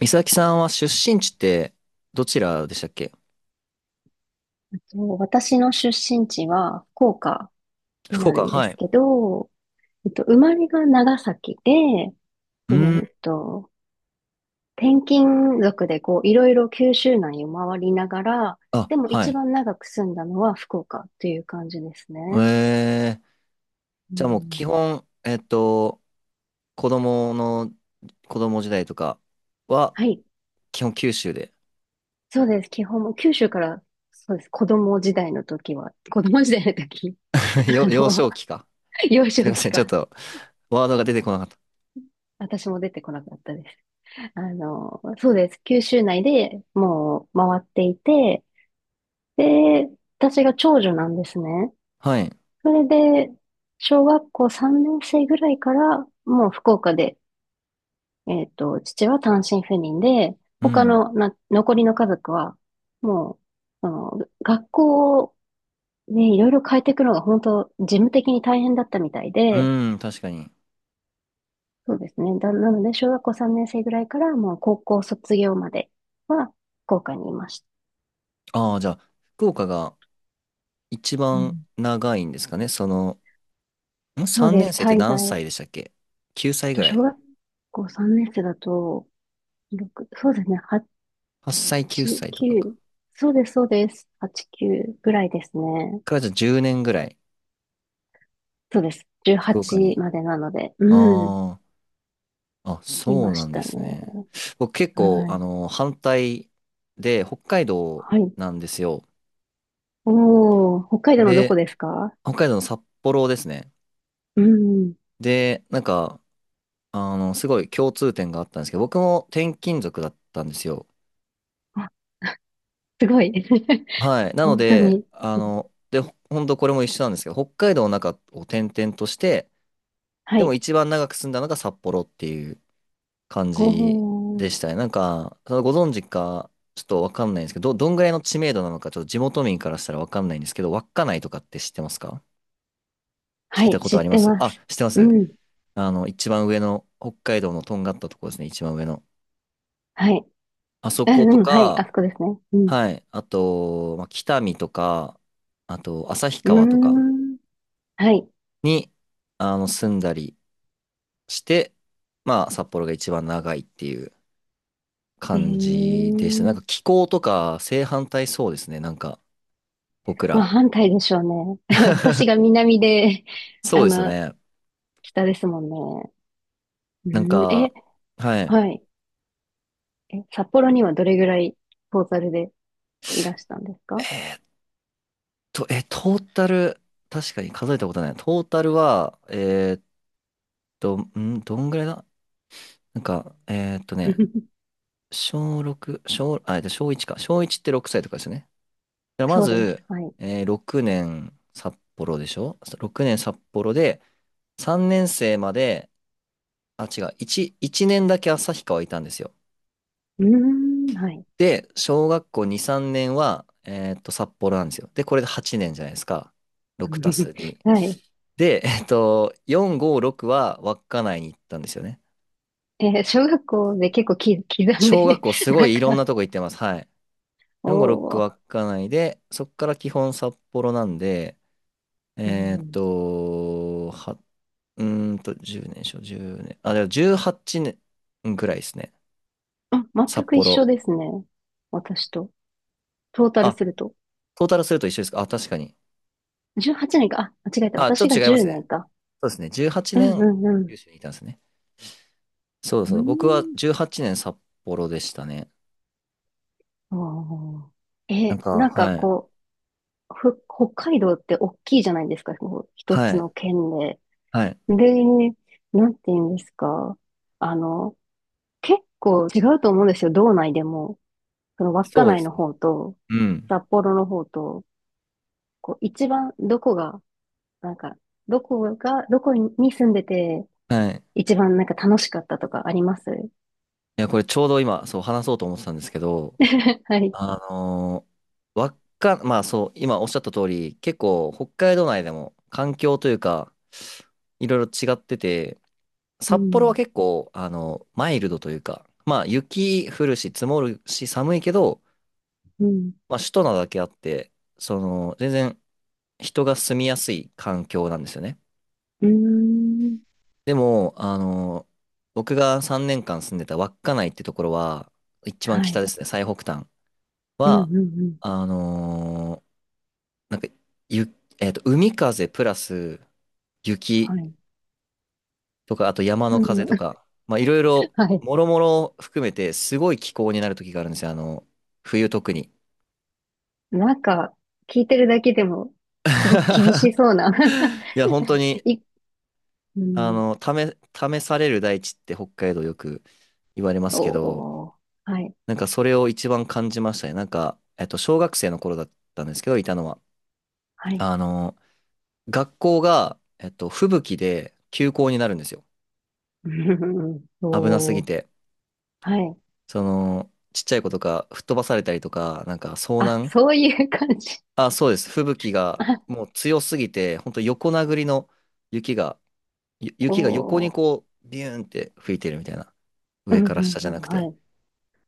美咲さんは出身地ってどちらでしたっけ？そう、私の出身地は福岡に福なる岡、んではすい。けど、生まれが長崎で、っうーん、と、転勤族でこう、いろいろ九州内を回りながら、であ、もは一い。番長く住んだのは福岡という感じですね。えー、うじゃあもう基ん。本、子供の、子供時代とかは、はい。基本九州で。そうです。基本も九州から、そうです。子供時代の時、あ幼の、少期か。幼すい少ま期せん、ちょっか、と、ワードが出てこなかった。私も出てこなかったです。そうです。九州内でもう回っていて、で、私が長女なんですね。はい。それで、小学校3年生ぐらいから、もう福岡で、父は単身赴任で、う他ん。のな、残りの家族は、もう、あの、学校をね、いろいろ変えていくのが本当、事務的に大変だったみたいで、うん、確かに。そうですね。なので、小学校3年生ぐらいから、もう高校卒業までは、福岡にいました。ああ、じゃあ、福岡が一番長いんですかね。その、そう 3 で年す。生って滞何在。歳でしたっけ？ 9 歳とぐら小い。学校3年生だと、6、そうですね。8歳、9 8、歳とかか。9。そうです、そうです。8、9ぐらいですね。からじゃあ10年ぐらい。そうです。福岡18に。までなので。うん。ああ、いそうまなしんでたね。すね。僕結は構、い。反対で、北海道はい。なんですよ。おー、北海道のどこで、ですか？北海道の札幌ですね。うん。で、なんか、すごい共通点があったんですけど、僕も転勤族だったんですよ。あ、すごい。はい。なの本当で、に。で、ほんとこれも一緒なんですけど、北海道の中を転々として、はでもい。一番長く住んだのが札幌っていう感おじでしたー。ね。なんか、そのご存知か、ちょっとわかんないんですけど、どんぐらいの知名度なのか、ちょっと地元民からしたらわかんないんですけど、稚内とかって知ってますか？は聞いたい、こ知とあっりまてす。まあ、す。知ってまうす。ん。一番上の、北海道のとんがったところですね、一番上の。はい。あそうことん、うん、はい。あか、そこですね。うん。はい、あと、まあ、北見とか、あと、旭うー川とかん。はい。に、住んだりして、まあ、札幌が一番長いっていうえ感じでした。なんえ、か気候とか正反対そうですね、なんか。僕まあら。反対でしょうね。私が南で、そうあですよの、ね。北ですもんね。なんうん、え、か、ははい。い。え、札幌にはどれぐらいトータルでいらしたんですか？ トータル、確かに数えたことない。トータルは、どんぐらいだ。なんか、小6、小、あ、えっと小1か。小1って6歳とかですよね。だからまそうでず、す。はい。う6 年札幌で、3年生まで、あ、違う、1年だけ旭川いたんですよ。ーん、はい。で、小学校2、3年は、札幌なんですよ。で、これで8年じゃないですか。6たす 2。はい。で、4、5、6は稚内に行ったんですよね。えー小学校で結構き刻んで？ 小学校 すごなんいいろんか、なとこ行ってます。はい。4、5、6おー、稚内で、そっから基本札幌なんで、うえーっん、と、は、うーんと、10年、じゅう年。あ、でも18年ぐらいですね。あ、全札く一幌。緒ですね。私と。トータルあ、すると。トータルすると一緒ですか。あ、確かに。18年か。あ、間違えた。あ、ちょっ私とが違いま10すね。年か。そうですね。18うん。年、うん。九州にいたんですね。そううそーう。僕はん。18年札幌でしたね。ああ。なんえ、か、はい。北海道って大きいじゃないですか、こう一はつい。の県で。はい。で、なんて言うんですか。あの、結構違うと思うんですよ、道内でも。その稚そうで内すのね。方と、うん。札幌の方と、こう、一番どこが、なんか、どこが、どこに住んでて、はい。い一番なんか楽しかったとかあります？ や、これちょうど今、そう話そうと思ってたんですけど、はい。あのわっか、まあそう、今おっしゃった通り、結構北海道内でも環境というか、いろいろ違ってて、う札幌はん。結構、マイルドというか、まあ雪降るし積もるし寒いけど、うん。まあ首都なだけあって、その、全然人が住みやすい環境なんですよね。うーん。でも、僕が3年間住んでた稚内ってところは、一番は北い。ですね、最北端うん。は、うん。あのなんか、ゆ、えっと、海風プラス雪はい。とか、あと山うのん。風と か、まあ、いろいろ、はい。もろもろ含めて、すごい気候になる時があるんですよ、冬特に。なんか、聞いてるだけでも、すごく厳しそうな。 いや、本当 に、い、うあん。の、試、試される大地って北海道よく言われますけど、おー。はい。なんかそれを一番感じましたね。なんか、小学生の頃だったんですけど、いたのは。はい。あの、学校が、吹雪で休校になるんですよ。うん。危なすぎおー。て。はい。その、ちっちゃい子とか吹っ飛ばされたりとか、なんか遭あ、難。そういう感じ。あ、そうです。吹雪 があ、もう強すぎて、本当横殴りの雪が、雪が横におー。こう、ビューンって吹いてるみたいな。う上ん、うからん、下じうゃん。なくはて。い。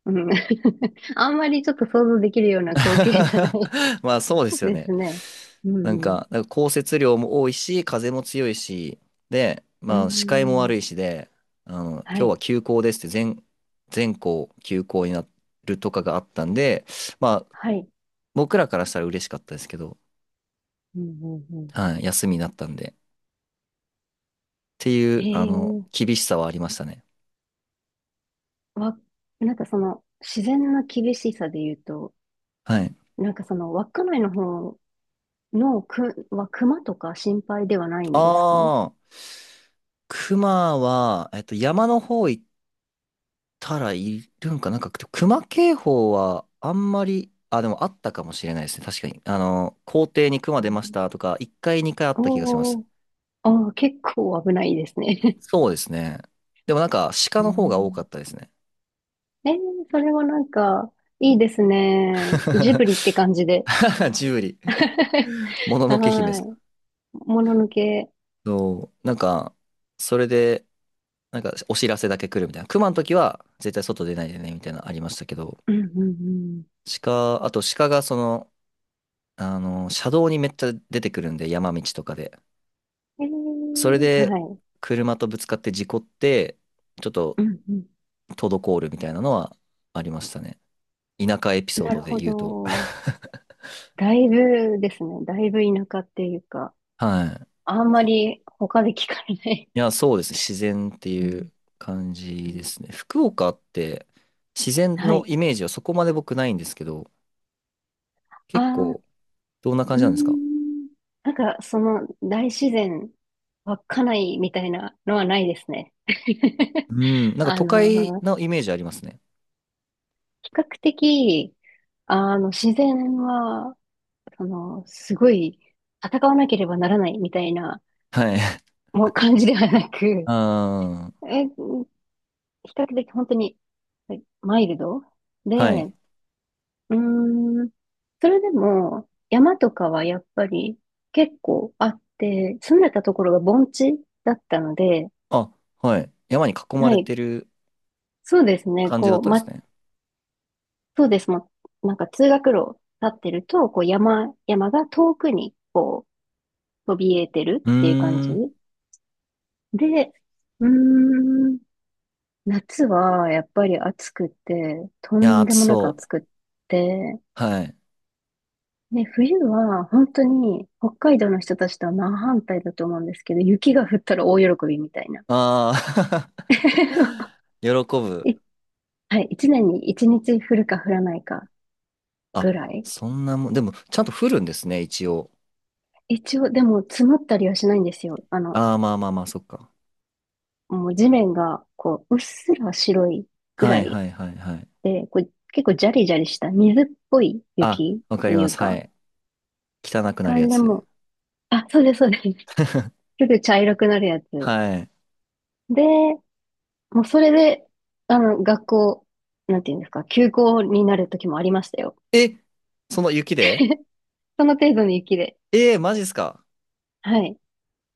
うん。あんまりちょっと想像できるような光景じゃない まあそうですよでね。すね。うなんん。か、なんか降雪量も多いし、風も強いし、で、うまあ視界もん。悪いしで、は今日はい。休校ですって全校休校になるとかがあったんで、まあはい。僕らからしたら嬉しかったですけど、うん、うん、うん。はい、休みになったんで、っていう、ええ、厳しさはありましたね。わ、なんかその、自然な厳しさで言うと、はい。なんかその、稚内の方は熊とか心配ではないんですか？ああ、熊は、山の方行たらいるんか、なんか、熊警報はあんまり、あ、でもあったかもしれないですね。確かに。校庭に熊う出ましん。たとか、1回、2回あった気がします。おー、あー、結構危ないですね。そうですね。でもなんか、鹿 うの方が多かっん。たですね。えー、それはなんか、いいですね。ジブリっ て感じで。ジブリ。もののけ姫ではすか。い。もののけ。そう、なんか、それで、なんか、お知らせだけ来るみたいな。熊の時は、絶対外出ないでね、みたいなのありましたけど、うん。うん。あと鹿がその、車道にめっちゃ出てくるんで、山道とかで。うそれん。えー、ではい。車とぶつかって事故って、ちょっとうん。うん。滞るみたいなのはありましたね。田舎エピソーなドるでほ言うと。ど。だいぶですね。だいぶ田舎っていうか。はい。あんまり他で聞かれない。いや、そうですね。自然ってういん。う感うじでん。すね。福岡って自然はのい。イメージはそこまで僕ないんですけど、あ結あ、構どんなう感ーじなんですか？ん。なんか、その大自然、稚内みたいなのはないですね。うん、なんかあ都会の、のイメージありますね。比較的、自然は、その、すごい、戦わなければならないみたいな、はい。もう感じではなく、あ比較的本当に、マイルドあはで、い。うーん。それでも、山とかはやっぱり結構あって、住んでたところが盆地だったので、あ、はい。山に囲まはれい。てるそうですね。感じだったんですね。そうです。なんか通学路立ってると、こう、山が遠くにこう、そびえてるうっていう感ーじ。ん。いで、うーん。夏はやっぱり暑くて、とや、ん暑でもなくそう。暑くって、はい。ね、冬は本当に北海道の人たちとは真反対だと思うんですけど、雪が降ったら大喜びみたいな。ああ 喜ぶ。い、はい、一年に一日降るか降らないかあ、ぐらい。そんなもん、でも、ちゃんと降るんですね、一応。一応、でも積もったりはしないんですよ。ああ、まあまあまあ、そっか。もう地面がこう、うっすら白いぐはらいいはいはいはい。で、こう結構ジャリジャリした水っぽいあ、雪わかとりいまうす。はか、い。汚くなあるやれでつ。も、あ、そうです、そうです。すぐ茶色くなるやつ。はい。で、もうそれで、学校、なんていうんですか、休校になる時もありましたよ。え、その雪で？その程度の雪で。マジっすか？はい。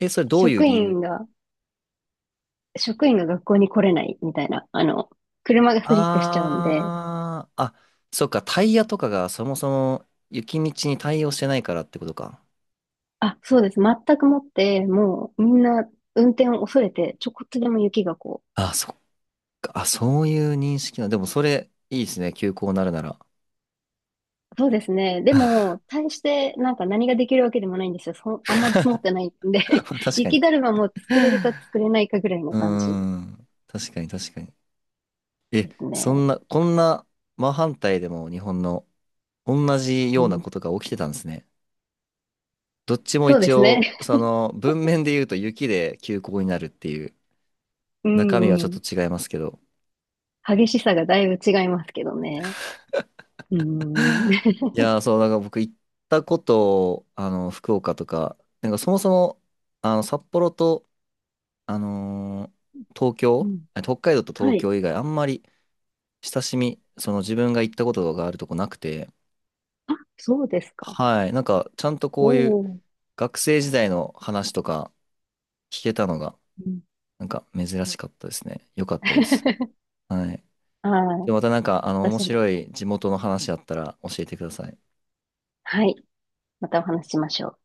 え、それどういう職理由？員が、職員が学校に来れないみたいな、車がスリップしちゃうんで、ああー、あ、そっか、タイヤとかがそもそも雪道に対応してないからってことか。あ、そうです。全くもって、もうみんな運転を恐れて、ちょこっとでも雪がこあ、そっか、あ、そういう認識な。でもそれ、いいですね、休校になるなら。う、そうですね。で も、大してなんか何ができるわけでもないんですよ。そ、あんまり積もってないんで。 確か雪だに。るまも作れるか作れないかぐらいのうー感じん。確かに確かに。ですそね。んな、こんな真反対でも日本の同じうようなん、ことが起きてたんですね。どっちもそうで一すね。応、その文面で言うと雪で休校になるっていうう中身はん。ちうょっん。と違いますけど。激しさがだいぶ違いますけどね。うん。いやー、そう、なんか僕行ったこと、福岡とか、なんかそもそも、札幌と、あのー東う京、ん。あ、北海道と東はい。京以外あんまり親しみ、その自分が行ったことがあるとこなくて、あ、そうですか。はい。なんか、ちゃんとおこういうお。学生時代の話とか聞けたのが、うん。 なんか珍しかったですね。よかったです。はい。はで、い。またなんか、面私も。白い地元の話あったら教えてください。はい。またお話ししましょう。